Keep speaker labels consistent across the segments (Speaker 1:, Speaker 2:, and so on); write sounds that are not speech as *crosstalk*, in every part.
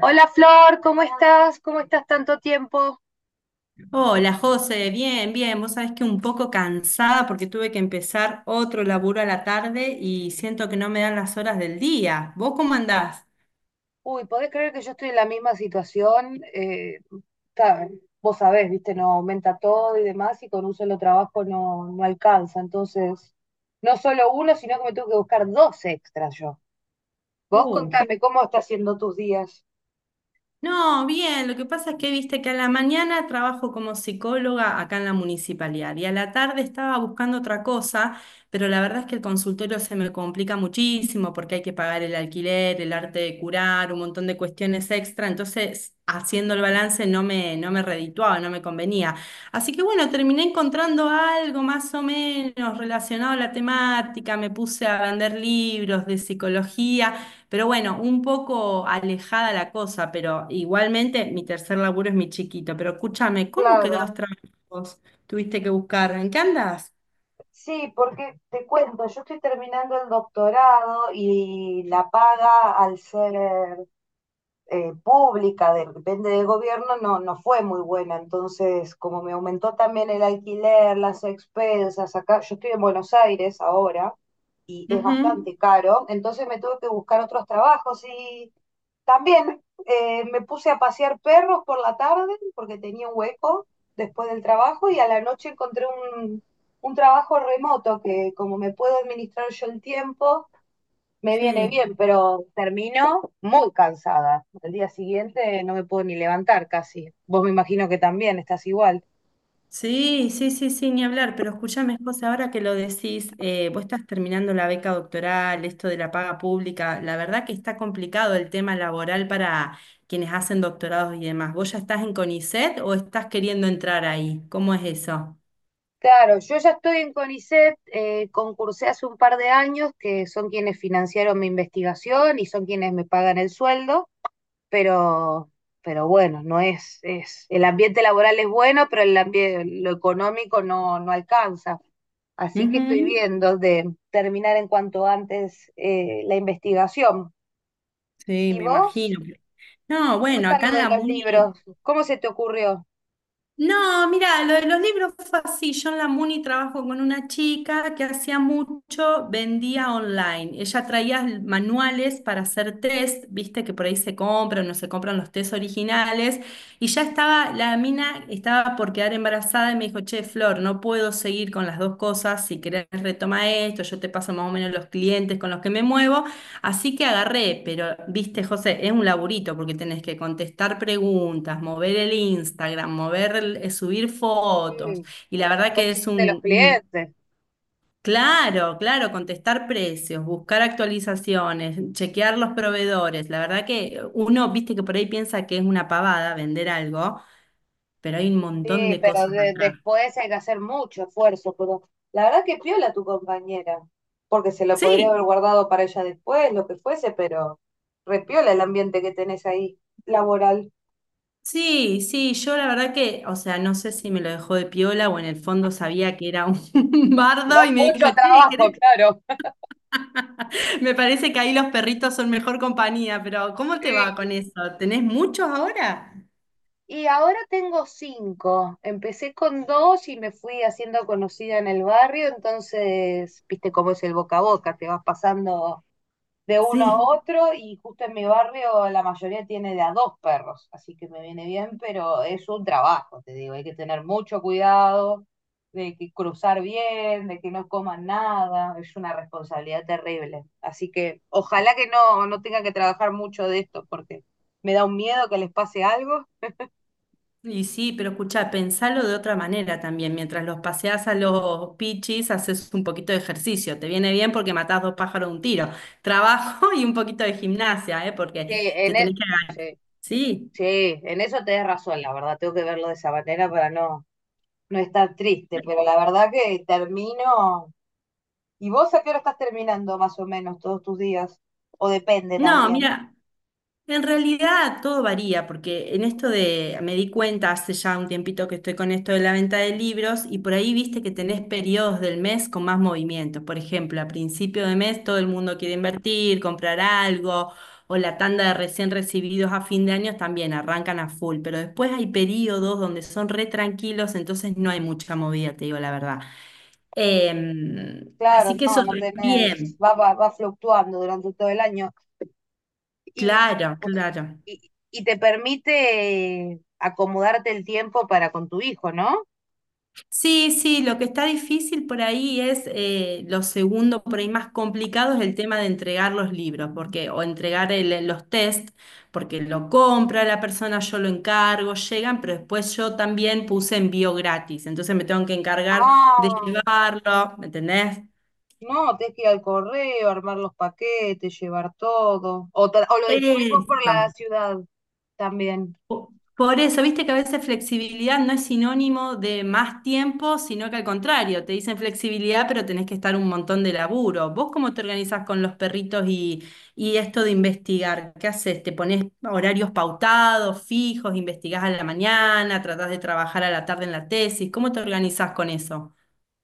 Speaker 1: Hola Flor, ¿cómo estás? ¿Cómo estás tanto tiempo?
Speaker 2: Hola José, bien, bien. Vos sabés que un poco cansada porque tuve que empezar otro laburo a la tarde y siento que no me dan las horas del día. ¿Vos cómo andás?
Speaker 1: Uy, ¿podés creer que yo estoy en la misma situación? Ta- vos sabés, viste, no aumenta todo y demás, y con un solo trabajo no, no alcanza. Entonces, no solo uno, sino que me tengo que buscar dos extras yo. Vos
Speaker 2: Oh.
Speaker 1: contame, ¿cómo estás haciendo tus días?
Speaker 2: No, bien, lo que pasa es que viste que a la mañana trabajo como psicóloga acá en la municipalidad y a la tarde estaba buscando otra cosa, pero la verdad es que el consultorio se me complica muchísimo porque hay que pagar el alquiler, el arte de curar, un montón de cuestiones extra, entonces haciendo el balance no me redituaba, no me convenía. Así que bueno, terminé encontrando algo más o menos relacionado a la temática, me puse a vender libros de psicología. Pero bueno, un poco alejada la cosa, pero igualmente mi tercer laburo es mi chiquito. Pero escúchame, ¿cómo que
Speaker 1: Claro.
Speaker 2: dos trabajos tuviste que buscar? ¿En qué andas?
Speaker 1: Sí, porque te cuento, yo estoy terminando el doctorado y la paga al ser pública, depende del gobierno, no, no fue muy buena. Entonces, como me aumentó también el alquiler, las expensas, acá, yo estoy en Buenos Aires ahora, y es
Speaker 2: Ujú.
Speaker 1: bastante caro. Entonces me tuve que buscar otros trabajos y también me puse a pasear perros por la tarde porque tenía un hueco después del trabajo y a la noche encontré un, un trabajo remoto que como me puedo administrar yo el tiempo, me viene
Speaker 2: Sí,
Speaker 1: bien, pero termino muy cansada. El día siguiente no me puedo ni levantar casi. Vos me imagino que también estás igual.
Speaker 2: sí, sí, sí, sí, ni hablar. Pero escúchame, José, ahora que lo decís, vos estás terminando la beca doctoral, esto de la paga pública, la verdad que está complicado el tema laboral para quienes hacen doctorados y demás. ¿Vos ya estás en CONICET o estás queriendo entrar ahí? ¿Cómo es eso?
Speaker 1: Claro, yo ya estoy en CONICET, concursé hace un par de años, que son quienes financiaron mi investigación y son quienes me pagan el sueldo, pero, pero bueno, no es, el ambiente laboral es bueno, pero el ambiente, lo económico no, no alcanza. Así que estoy viendo de terminar en cuanto antes la investigación.
Speaker 2: Sí,
Speaker 1: ¿Y
Speaker 2: me
Speaker 1: vos?
Speaker 2: imagino. No,
Speaker 1: ¿Cómo
Speaker 2: bueno,
Speaker 1: está
Speaker 2: acá
Speaker 1: lo
Speaker 2: en
Speaker 1: de
Speaker 2: la
Speaker 1: los
Speaker 2: Muni.
Speaker 1: libros? ¿Cómo se te ocurrió?
Speaker 2: No, mira, lo de los libros fue así. Yo en la Muni trabajo con una chica que hacía mucho, vendía online. Ella traía manuales para hacer test, viste que por ahí se compran, no se compran los test originales. Y ya estaba, la mina estaba por quedar embarazada y me dijo, che, Flor, no puedo seguir con las dos cosas. Si querés retoma esto, yo te paso más o menos los clientes con los que me muevo. Así que agarré, pero viste, José, es un laburito porque tenés que contestar preguntas, mover el Instagram, mover, subir fotos.
Speaker 1: Mm.
Speaker 2: Y la
Speaker 1: ¿Y
Speaker 2: verdad que es
Speaker 1: consejos de los clientes?
Speaker 2: claro, claro, contestar precios, buscar actualizaciones, chequear los proveedores. La verdad que uno, viste que por ahí piensa que es una pavada vender algo, pero hay un
Speaker 1: Sí,
Speaker 2: montón de
Speaker 1: pero
Speaker 2: cosas atrás.
Speaker 1: después hay que hacer mucho esfuerzo, pero la verdad que piola tu compañera, porque se lo podría haber
Speaker 2: Sí,
Speaker 1: guardado para ella después, lo que fuese, pero repiola el ambiente que tenés ahí, laboral.
Speaker 2: sí, sí, yo la verdad que, o sea, no sé si me lo dejó de piola o en el fondo sabía que era un *laughs* bardo
Speaker 1: Con
Speaker 2: y me
Speaker 1: mucho
Speaker 2: dijo, che,
Speaker 1: trabajo,
Speaker 2: ¿querés?
Speaker 1: claro.
Speaker 2: *laughs* Me parece que ahí los perritos son mejor compañía, pero ¿cómo te va
Speaker 1: Sí.
Speaker 2: con eso? ¿Tenés muchos ahora?
Speaker 1: Y ahora tengo cinco. Empecé con dos y me fui haciendo conocida en el barrio, entonces, viste cómo es el boca a boca, te vas pasando de uno a
Speaker 2: Sí.
Speaker 1: otro y justo en mi barrio la mayoría tiene de a dos perros, así que me viene bien, pero es un trabajo, te digo, hay que tener mucho cuidado de que cruzar bien, de que no coman nada, es una responsabilidad terrible. Así que ojalá que no, no tenga que trabajar mucho de esto porque me da un miedo que les pase algo.
Speaker 2: Y sí, pero escuchá, pensalo de otra manera también. Mientras los paseás a los pichis, haces un poquito de ejercicio. Te viene bien porque matás dos pájaros de un tiro. Trabajo *laughs* y un poquito de gimnasia, ¿eh?
Speaker 1: Sí,
Speaker 2: Porque te
Speaker 1: en e-
Speaker 2: tenés que...
Speaker 1: sí,
Speaker 2: Sí.
Speaker 1: sí, en eso tenés razón, la verdad, tengo que verlo de esa manera para no, no estar triste, pero la verdad que termino. ¿Y vos a qué hora estás terminando más o menos todos tus días? O depende
Speaker 2: No,
Speaker 1: también.
Speaker 2: mira, en realidad todo varía, porque en esto de, me di cuenta hace ya un tiempito que estoy con esto de la venta de libros y por ahí viste que tenés periodos del mes con más movimientos. Por ejemplo, a principio de mes todo el mundo quiere invertir, comprar algo, o la tanda de recién recibidos a fin de año también arrancan a full, pero después hay periodos donde son re tranquilos, entonces no hay mucha movida, te digo la verdad.
Speaker 1: Claro,
Speaker 2: Así que eso
Speaker 1: no, no tenés,
Speaker 2: también,
Speaker 1: va fluctuando durante todo el año. Y,
Speaker 2: claro, claro.
Speaker 1: y te permite acomodarte el tiempo para con tu hijo, ¿no?
Speaker 2: Sí, sí, lo que está difícil por ahí es lo segundo, por ahí más complicado es el tema de entregar los libros, porque, o entregar los test, porque lo compra la persona, yo lo encargo, llegan, pero después yo también puse envío gratis, entonces me tengo que encargar de
Speaker 1: Ah,
Speaker 2: llevarlo, ¿me entendés?
Speaker 1: no, tenés que ir al correo, armar los paquetes, llevar todo. O lo distribuís vos por la
Speaker 2: Eso.
Speaker 1: ciudad también.
Speaker 2: Por eso, viste que a veces flexibilidad no es sinónimo de más tiempo, sino que al contrario, te dicen flexibilidad, pero tenés que estar un montón de laburo. ¿Vos cómo te organizás con los perritos y esto de investigar? ¿Qué haces? ¿Te pones horarios pautados, fijos, investigás a la mañana, tratás de trabajar a la tarde en la tesis? ¿Cómo te organizás con eso?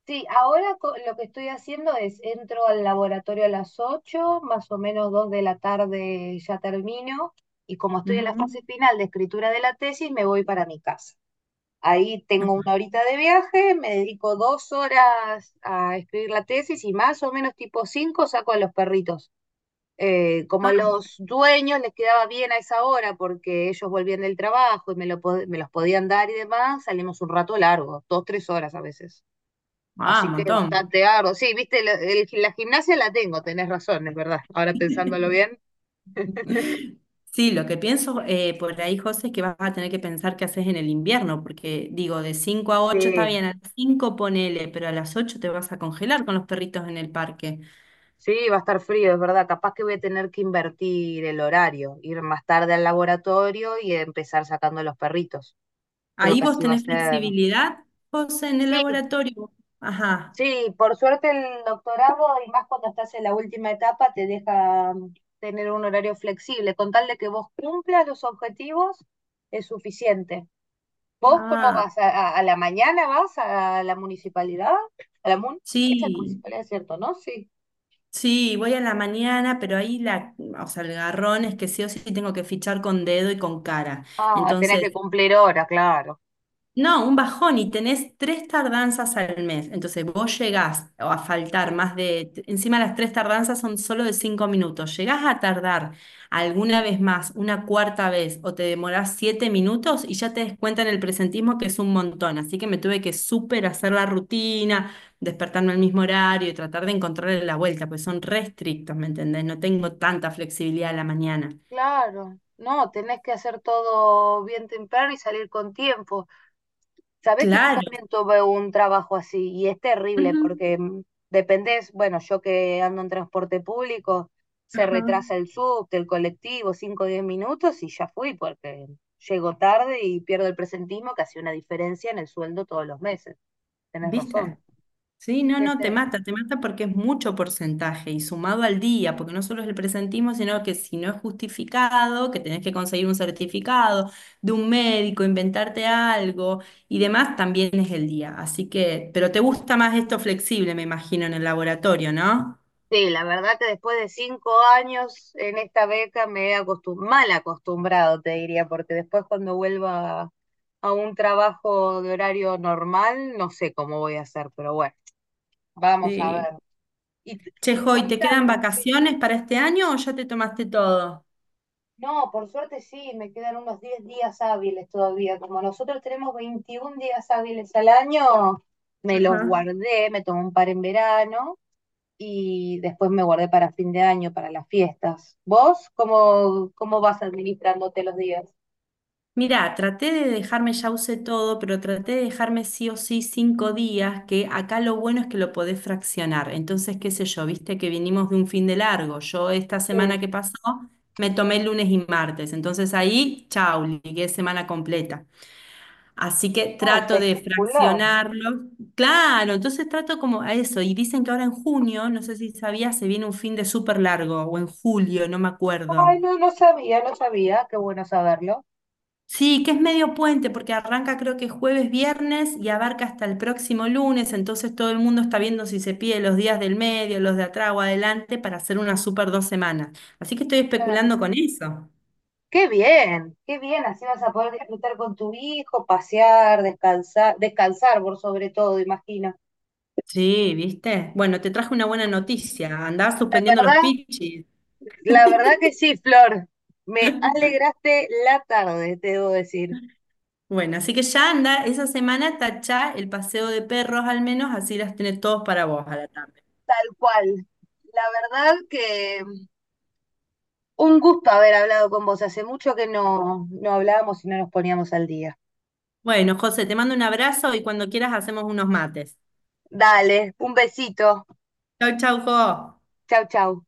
Speaker 1: Sí, ahora lo que estoy haciendo es entro al laboratorio a las 8, más o menos 2 de la tarde ya termino, y como estoy en la
Speaker 2: Ujú.
Speaker 1: fase final de escritura de la tesis, me voy para mi casa. Ahí tengo una horita de viaje, me dedico 2 horas a escribir la tesis y más o menos tipo 5 saco a los perritos. Como
Speaker 2: Ah,
Speaker 1: a los dueños les quedaba bien a esa hora porque ellos volvían del trabajo y me, me los podían dar y demás, salimos un rato largo, 2, 3 horas a veces.
Speaker 2: ah, un
Speaker 1: Así que
Speaker 2: montón.
Speaker 1: bastante arduo. Sí, viste, la gimnasia la tengo, tenés razón, es verdad. Ahora pensándolo bien.
Speaker 2: Sí, lo que pienso por ahí, José, es que vas a tener que pensar qué haces en el invierno, porque digo, de 5 a 8 está
Speaker 1: Sí,
Speaker 2: bien, a las 5 ponele, pero a las 8 te vas a congelar con los perritos en el parque.
Speaker 1: sí, va a estar frío, es verdad. Capaz que voy a tener que invertir el horario, ir más tarde al laboratorio y empezar sacando los perritos. Creo
Speaker 2: Ahí
Speaker 1: que
Speaker 2: vos
Speaker 1: así va a
Speaker 2: tenés
Speaker 1: ser.
Speaker 2: flexibilidad, José, en el
Speaker 1: Sí,
Speaker 2: laboratorio. Ajá.
Speaker 1: sí, por suerte el doctorado, y más cuando estás en la última etapa, te deja tener un horario flexible. Con tal de que vos cumplas los objetivos, es suficiente. ¿Vos cómo
Speaker 2: Ah,
Speaker 1: vas? ¿A la mañana vas a la municipalidad? ¿A la mun? Es a la
Speaker 2: sí.
Speaker 1: municipalidad, ¿cierto? ¿No? Sí.
Speaker 2: Sí, voy a la mañana, pero ahí o sea, el garrón es que sí o sí tengo que fichar con dedo y con cara.
Speaker 1: Ah, tenés que
Speaker 2: Entonces.
Speaker 1: cumplir hora, claro.
Speaker 2: No, un bajón y tenés tres tardanzas al mes. Entonces vos llegás o a
Speaker 1: Sí.
Speaker 2: faltar más de, encima las tres tardanzas son solo de 5 minutos. Llegás a tardar alguna vez más, una cuarta vez, o te demorás 7 minutos y ya te des cuenta en el presentismo que es un montón. Así que me tuve que súper hacer la rutina, despertarme al mismo horario y tratar de encontrarle la vuelta, pues son restrictos, ¿me entendés? No tengo tanta flexibilidad a la mañana.
Speaker 1: Claro, no, tenés que hacer todo bien temprano y salir con tiempo. Sabés que yo
Speaker 2: Claro.
Speaker 1: también tuve un trabajo así y es terrible
Speaker 2: Ujú.
Speaker 1: porque dependés, bueno, yo que ando en transporte público, se
Speaker 2: Ajá.
Speaker 1: retrasa el subte, el colectivo, cinco o 10 minutos y ya fui porque llego tarde y pierdo el presentismo que hace una diferencia en el sueldo todos los meses. Tenés
Speaker 2: ¿Viste?
Speaker 1: razón.
Speaker 2: Sí, no, no,
Speaker 1: Este.
Speaker 2: te mata porque es mucho porcentaje y sumado al día, porque no solo es el presentismo, sino que si no es justificado, que tenés que conseguir un certificado de un médico, inventarte algo y demás, también es el día. Así que, pero te gusta más esto flexible, me imagino, en el laboratorio, ¿no?
Speaker 1: Sí, la verdad que después de 5 años en esta beca me he mal acostumbrado, te diría, porque después cuando vuelva a un trabajo de horario normal, no sé cómo voy a hacer, pero bueno, vamos a ver.
Speaker 2: Sí.
Speaker 1: Y,
Speaker 2: Che,
Speaker 1: y
Speaker 2: Joy, ¿te quedan
Speaker 1: contame, sí.
Speaker 2: vacaciones para este año o ya te tomaste todo?
Speaker 1: No, por suerte sí, me quedan unos 10 días hábiles todavía. Como nosotros tenemos 21 días hábiles al año, me los
Speaker 2: Ajá.
Speaker 1: guardé, me tomé un par en verano y después me guardé para fin de año, para las fiestas. ¿Vos cómo vas administrándote los días?
Speaker 2: Mirá, traté de dejarme, ya usé todo, pero traté de dejarme sí o sí 5 días, que acá lo bueno es que lo podés fraccionar. Entonces, qué sé yo, viste que vinimos de un fin de largo. Yo esta
Speaker 1: Sí.
Speaker 2: semana que pasó me tomé el lunes y martes. Entonces ahí, chau, ligué semana completa. Así que
Speaker 1: Ah,
Speaker 2: trato de
Speaker 1: espectacular.
Speaker 2: fraccionarlo. Claro, entonces trato como a eso. Y dicen que ahora en junio, no sé si sabías, se viene un fin de súper largo, o en julio, no me
Speaker 1: Ay,
Speaker 2: acuerdo.
Speaker 1: no, no sabía, no sabía, qué bueno saberlo.
Speaker 2: Sí, que es medio puente porque arranca creo que jueves, viernes y abarca hasta el próximo lunes, entonces todo el mundo está viendo si se pide los días del medio, los de atrás o adelante para hacer una super 2 semanas. Así que estoy
Speaker 1: Claro.
Speaker 2: especulando con eso.
Speaker 1: Qué bien, así vas a poder disfrutar con tu hijo, pasear, descansar, descansar por sobre todo, imagino.
Speaker 2: Sí, ¿viste? Bueno, te traje una buena noticia, andaba
Speaker 1: La
Speaker 2: suspendiendo los
Speaker 1: verdad,
Speaker 2: pichis.
Speaker 1: la verdad que sí, Flor, me alegraste la tarde, te debo decir,
Speaker 2: Bueno, así que ya anda, esa semana tachá el paseo de perros al menos, así las tenés todos para vos a la tarde.
Speaker 1: tal cual. La verdad que. Un gusto haber hablado con vos. Hace mucho que no, no hablábamos y no nos poníamos al día.
Speaker 2: Bueno, José, te mando un abrazo y cuando quieras hacemos unos mates.
Speaker 1: Dale, un besito.
Speaker 2: Chau, chau, Jo.
Speaker 1: Chau, chau.